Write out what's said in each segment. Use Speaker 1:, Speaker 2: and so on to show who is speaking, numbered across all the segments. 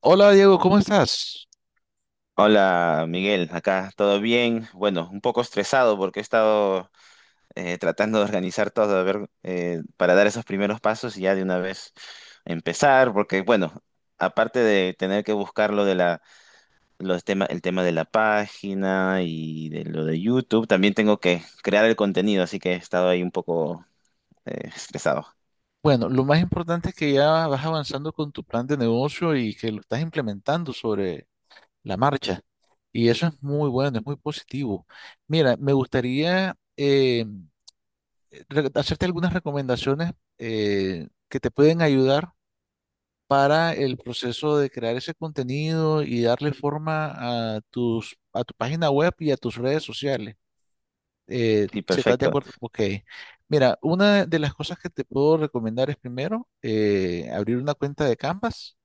Speaker 1: Hola Diego, ¿cómo estás?
Speaker 2: Hola Miguel, acá todo bien. Bueno, un poco estresado porque he estado tratando de organizar todo, a ver, para dar esos primeros pasos y ya de una vez empezar, porque bueno, aparte de tener que buscar lo de la, el tema de la página y de lo de YouTube, también tengo que crear el contenido, así que he estado ahí un poco estresado.
Speaker 1: Bueno, lo más importante es que ya vas avanzando con tu plan de negocio y que lo estás implementando sobre la marcha. Y eso es muy bueno, es muy positivo. Mira, me gustaría hacerte algunas recomendaciones que te pueden ayudar para el proceso de crear ese contenido y darle forma a a tu página web y a tus redes sociales.
Speaker 2: Sí,
Speaker 1: Si estás de
Speaker 2: perfecto.
Speaker 1: acuerdo, ok. Mira, una de las cosas que te puedo recomendar es primero abrir una cuenta de Canvas,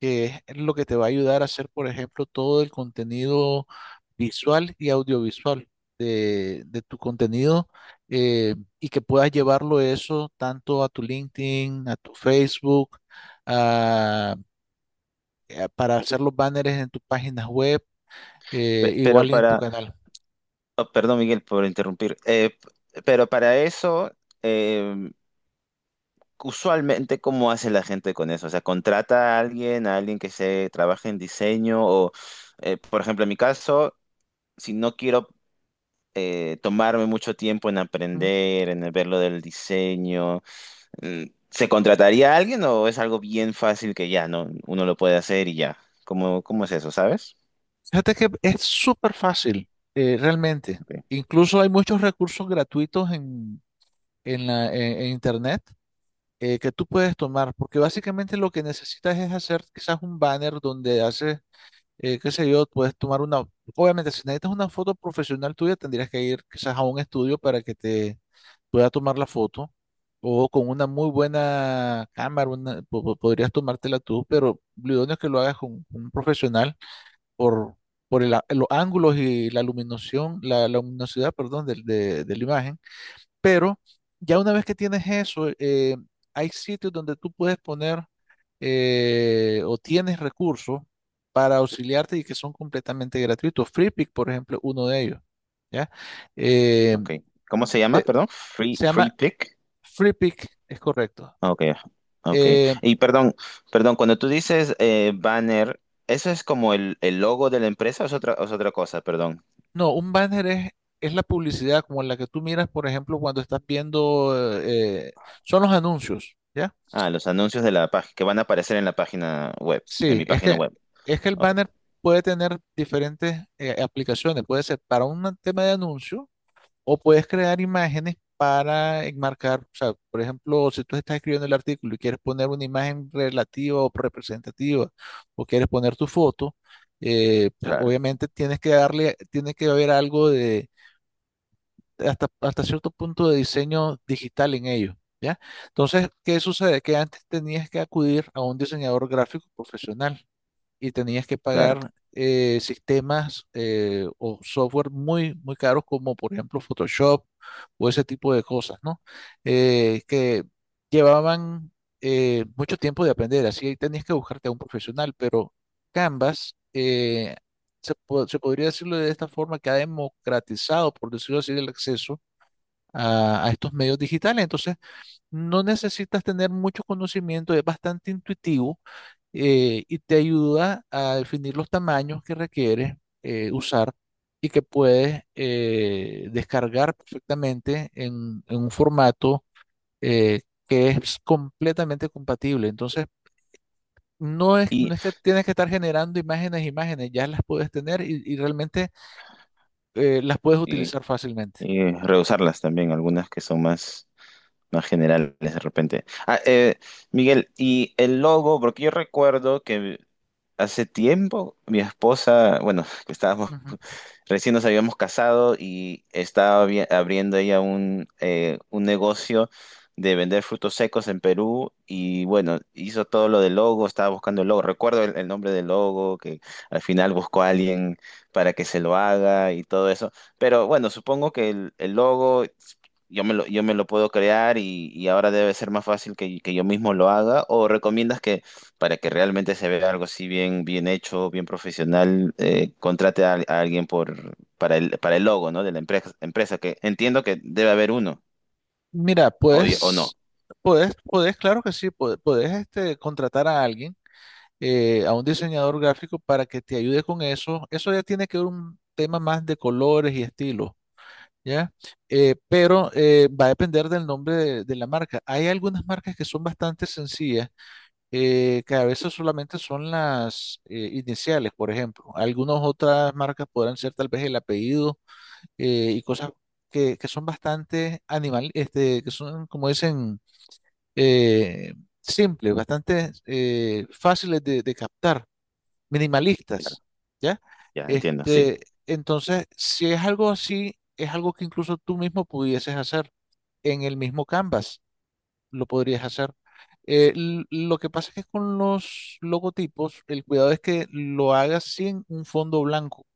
Speaker 1: que es lo que te va a ayudar a hacer, por ejemplo, todo el contenido visual y audiovisual de tu contenido y que puedas llevarlo eso tanto a tu LinkedIn, a tu Facebook, a- para hacer los banners en tus páginas web,
Speaker 2: Pe- pero
Speaker 1: igual y en tu
Speaker 2: para,
Speaker 1: canal.
Speaker 2: oh, perdón Miguel por interrumpir. Pero para eso... em, usualmente, ¿cómo hace la gente con eso? O sea, contrata a alguien que se trabaje en diseño o, por ejemplo, en mi caso, si no quiero tomarme mucho tiempo en aprender, en ver lo del diseño, mm, ¿se contrataría a alguien o es algo bien fácil que ya, no, uno lo puede hacer y ya? ¿Cómo es eso, sabes?
Speaker 1: Fíjate que es súper fácil, realmente.
Speaker 2: Ok,
Speaker 1: Incluso hay muchos recursos gratuitos en en Internet que tú puedes tomar, porque básicamente lo que necesitas es hacer quizás un banner donde haces, qué sé yo, puedes tomar una. Obviamente, si necesitas una foto profesional tuya, tendrías que ir quizás a un estudio para que te pueda tomar la foto, o con una muy buena cámara podrías tomártela tú, pero lo idóneo es que lo hagas con un profesional por, por los ángulos y la iluminación, la luminosidad, perdón, de la imagen. Pero ya una vez que tienes eso, hay sitios donde tú puedes poner o tienes recursos para auxiliarte y que son completamente gratuitos. FreePic, por ejemplo, uno de ellos, ¿ya? Eh,
Speaker 2: ok. ¿Cómo se llama?
Speaker 1: de-
Speaker 2: Perdón,
Speaker 1: Se llama
Speaker 2: Free Pick.
Speaker 1: FreePic, es correcto.
Speaker 2: Ok, ok.
Speaker 1: Eh,
Speaker 2: Y perdón, perdón, cuando tú dices banner, ¿eso es como el logo de la empresa o es otra cosa? Perdón.
Speaker 1: No, un banner es la publicidad como la que tú miras, por ejemplo, cuando estás viendo, eh, son los anuncios, ¿ya?
Speaker 2: Ah, los anuncios de la página que van a aparecer en la página web, en
Speaker 1: Sí,
Speaker 2: mi página web.
Speaker 1: es que el
Speaker 2: Ok,
Speaker 1: banner puede tener diferentes aplicaciones, puede ser para un tema de anuncio o puedes crear imágenes para enmarcar, o sea, por ejemplo, si tú estás escribiendo el artículo y quieres poner una imagen relativa o representativa o quieres poner tu foto, pues,
Speaker 2: claro,
Speaker 1: obviamente tienes que darle, tiene que haber algo de hasta cierto punto de diseño digital en ello, ¿ya? Entonces, ¿qué sucede? Que antes tenías que acudir a un diseñador gráfico profesional y tenías que
Speaker 2: claro.
Speaker 1: pagar sistemas o software muy caros como por ejemplo Photoshop o ese tipo de cosas, ¿no? Que llevaban mucho tiempo de aprender, así ahí tenías que buscarte a un profesional, pero Canvas se podría decirlo de esta forma, que ha democratizado, por decirlo así, el acceso a estos medios digitales. Entonces, no necesitas tener mucho conocimiento, es bastante intuitivo y te ayuda a definir los tamaños que requieres usar y que puedes descargar perfectamente en un formato eh, que es completamente compatible. Entonces, no
Speaker 2: Y,
Speaker 1: es que tienes que estar generando imágenes, ya las puedes tener y realmente las puedes
Speaker 2: y,
Speaker 1: utilizar fácilmente.
Speaker 2: y reusarlas también, algunas que son más, más generales de repente. Ah, Miguel, y el logo, porque yo recuerdo que hace tiempo mi esposa, bueno, que estábamos recién nos habíamos casado y estaba abriendo ella un negocio de vender frutos secos en Perú y bueno, hizo todo lo del logo, estaba buscando el logo, recuerdo el nombre del logo, que al final buscó a alguien para que se lo haga y todo eso, pero bueno, supongo que el logo yo me lo puedo crear y ahora debe ser más fácil que yo mismo lo haga o recomiendas que para que realmente se vea algo así bien, bien hecho, bien profesional, contrate a alguien por, para el logo, ¿no? De la empresa, empresa, que entiendo que debe haber uno,
Speaker 1: Mira,
Speaker 2: o no.
Speaker 1: puedes, claro que sí, puedes este, contratar a alguien, a un diseñador gráfico para que te ayude con eso. Eso ya tiene que ver un tema más de colores y estilo, ¿ya? Pero va a depender del nombre de la marca. Hay algunas marcas que son bastante sencillas, que a veces solamente son las iniciales, por ejemplo. Algunas otras marcas podrán ser tal vez el apellido y cosas que son bastante animal, este, que son, como dicen eh, simples, bastante fáciles de captar,
Speaker 2: Claro,
Speaker 1: minimalistas, ¿ya?
Speaker 2: ya entiendo, sí.
Speaker 1: Este, entonces, si es algo así, es algo que incluso tú mismo pudieses hacer en el mismo Canvas, lo podrías hacer. Lo que pasa es que con los logotipos, el cuidado es que lo hagas sin un fondo blanco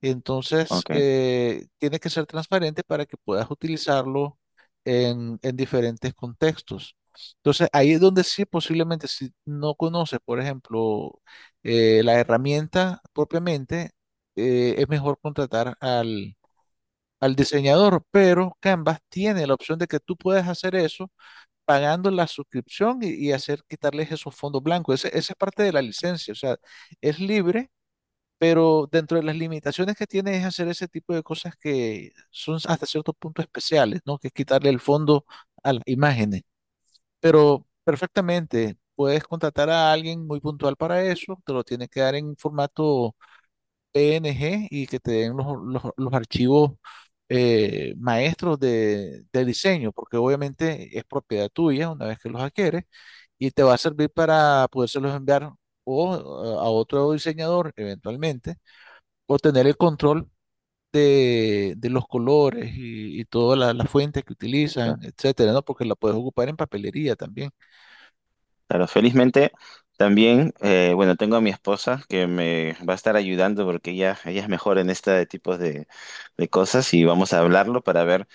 Speaker 1: entonces,
Speaker 2: Ok,
Speaker 1: tiene que ser transparente para que puedas utilizarlo en diferentes contextos. Entonces, ahí es donde sí, posiblemente, si no conoces, por ejemplo, la herramienta propiamente, es mejor contratar al diseñador, pero Canvas tiene la opción de que tú puedes hacer eso pagando la suscripción y hacer quitarles esos fondos blancos. Esa es parte de la licencia, o sea, es libre pero dentro de las limitaciones que tiene es hacer ese tipo de cosas que son hasta cierto punto especiales, ¿no? Que es quitarle el fondo a las imágenes. Pero perfectamente, puedes contratar a alguien muy puntual para eso, te lo tiene que dar en formato PNG y que te den los archivos maestros de diseño, porque obviamente es propiedad tuya una vez que los adquieres y te va a servir para podérselos enviar o a otro diseñador eventualmente o tener el control de los colores y todas las fuentes que utilizan,
Speaker 2: claro.
Speaker 1: etcétera, ¿no? Porque la puedes ocupar en papelería también.
Speaker 2: Claro, felizmente también, bueno, tengo a mi esposa que me va a estar ayudando porque ella es mejor en este tipo de cosas y vamos a hablarlo para ver.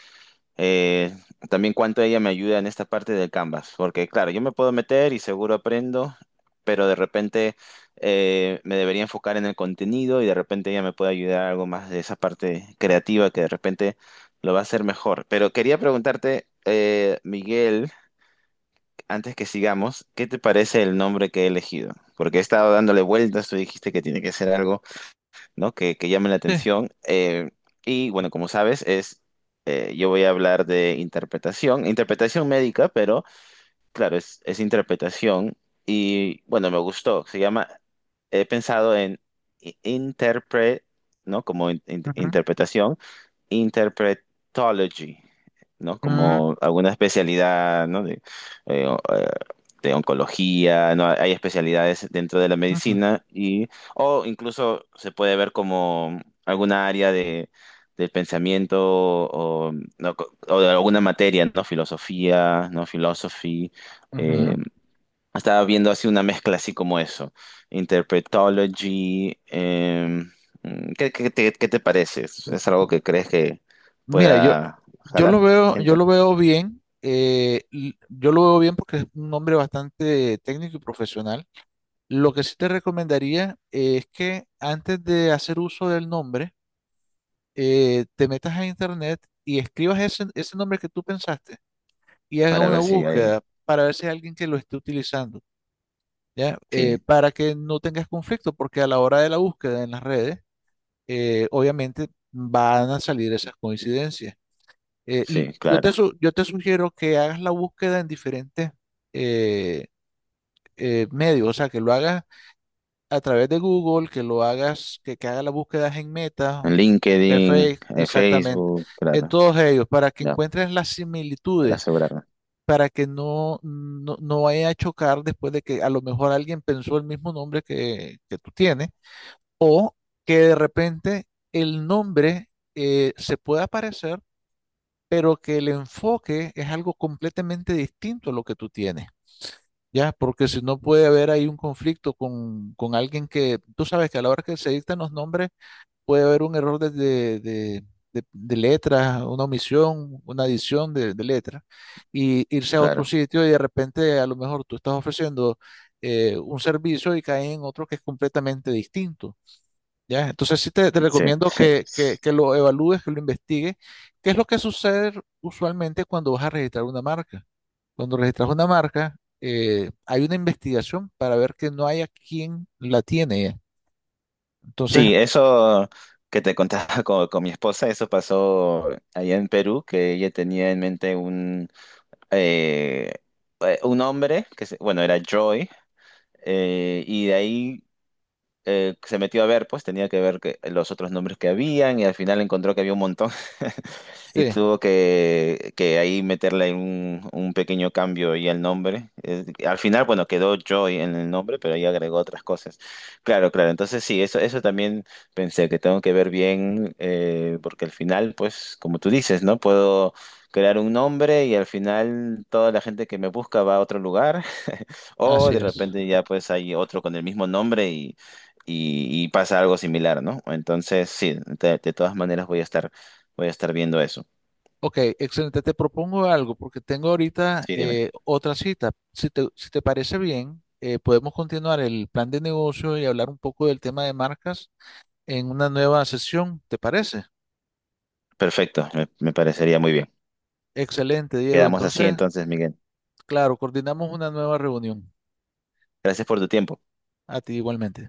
Speaker 2: Eh, también cuánto ella me ayuda en esta parte del Canvas, porque claro, yo me puedo meter y seguro aprendo, pero de repente me debería enfocar en el contenido y de repente ella me puede ayudar algo más de esa parte creativa que de repente lo va a hacer mejor. Pero quería preguntarte, Miguel, antes que sigamos, ¿qué te parece el nombre que he elegido? Porque he estado dándole vueltas, tú dijiste que tiene que ser algo, ¿no? Que llamen la
Speaker 1: Sí.
Speaker 2: atención. Y bueno, como sabes, es, yo voy a hablar de interpretación, interpretación médica, pero claro, es interpretación y bueno, me gustó. Se llama, he pensado en interpre, ¿no? Como
Speaker 1: Ujú,
Speaker 2: interpretación, interpretology, ¿no?
Speaker 1: ujú,
Speaker 2: Como alguna especialidad, ¿no? De, eh, o- eh, de oncología, ¿no? Hay especialidades dentro de la medicina y, o incluso se puede ver como alguna área de, del pensamiento o, ¿no? O de alguna materia, ¿no? Filosofía, ¿no? Philosophy,
Speaker 1: ujú, ujú.
Speaker 2: eh, estaba viendo así una mezcla así como eso. Interpretology. ¿Qué te parece?
Speaker 1: M-
Speaker 2: ¿Es algo que crees que
Speaker 1: Mira,
Speaker 2: pueda jalar
Speaker 1: yo
Speaker 2: gente?
Speaker 1: lo veo bien. Yo lo veo bien porque es un hombre bastante técnico y profesional. Lo que sí te recomendaría es que antes de hacer uso del nombre, te metas a internet y escribas ese nombre que tú pensaste y hagas
Speaker 2: Para
Speaker 1: una
Speaker 2: ver si hay...
Speaker 1: búsqueda para ver si hay alguien que lo esté utilizando, ¿ya?
Speaker 2: Sí,
Speaker 1: Para que no tengas conflicto, porque a la hora de la búsqueda en las redes, obviamente van a salir esas coincidencias.
Speaker 2: sí, claro.
Speaker 1: Yo te sugiero que hagas la búsqueda en diferentes eh, medios, o sea, que lo hagas a través de Google, que lo que hagas las búsquedas en Meta,
Speaker 2: En
Speaker 1: que
Speaker 2: LinkedIn,
Speaker 1: Facebook,
Speaker 2: en
Speaker 1: exactamente,
Speaker 2: Facebook,
Speaker 1: en
Speaker 2: claro.
Speaker 1: todos ellos, para que
Speaker 2: Ya,
Speaker 1: encuentres las
Speaker 2: para
Speaker 1: similitudes
Speaker 2: asegurarme.
Speaker 1: para que no vaya a chocar después de que a lo mejor alguien pensó el mismo nombre que tú tienes, o que de repente el nombre se pueda parecer, pero que el enfoque es algo completamente distinto a lo que tú tienes. Ya, porque si no puede haber ahí un conflicto con alguien que, tú sabes que a la hora que se dictan los nombres, puede haber un error de letra, una omisión, una adición de letra, y irse a otro
Speaker 2: Claro,
Speaker 1: sitio y de repente a lo mejor tú estás ofreciendo un servicio y cae en otro que es completamente distinto. ¿Ya? Entonces sí te
Speaker 2: sí.
Speaker 1: recomiendo que lo evalúes, que lo investigues. ¿Qué es lo que sucede usualmente cuando vas a registrar una marca? Cuando registras una marca, hay una investigación para ver que no haya quien la tiene. Entonces,
Speaker 2: Sí, eso que te contaba con mi esposa, eso pasó allá en Perú, que ella tenía en mente eh, un hombre que, bueno, era Joy. Y de ahí se metió a ver, pues tenía que ver que, los otros nombres que habían y al final encontró que había un montón y
Speaker 1: sí,
Speaker 2: tuvo que ahí meterle un pequeño cambio y el nombre. Al final, bueno, quedó Joy en el nombre, pero ahí agregó otras cosas. Claro, claro, entonces sí, eso también pensé que tengo que ver bien, porque al final, pues como tú dices, ¿no? Puedo... crear un nombre y al final toda la gente que me busca va a otro lugar o
Speaker 1: así
Speaker 2: de
Speaker 1: es.
Speaker 2: repente ya pues hay otro con el mismo nombre y pasa algo similar, ¿no? Entonces, sí, de todas maneras voy a estar viendo eso.
Speaker 1: Ok, excelente. Te propongo algo porque tengo ahorita
Speaker 2: Sí, dime.
Speaker 1: otra cita. Si te parece bien, podemos continuar el plan de negocio y hablar un poco del tema de marcas en una nueva sesión. ¿Te parece?
Speaker 2: Perfecto, me parecería muy bien.
Speaker 1: Excelente, Diego.
Speaker 2: Quedamos así
Speaker 1: Entonces,
Speaker 2: entonces, Miguel.
Speaker 1: claro, coordinamos una nueva reunión.
Speaker 2: Gracias por tu tiempo.
Speaker 1: A ti igualmente.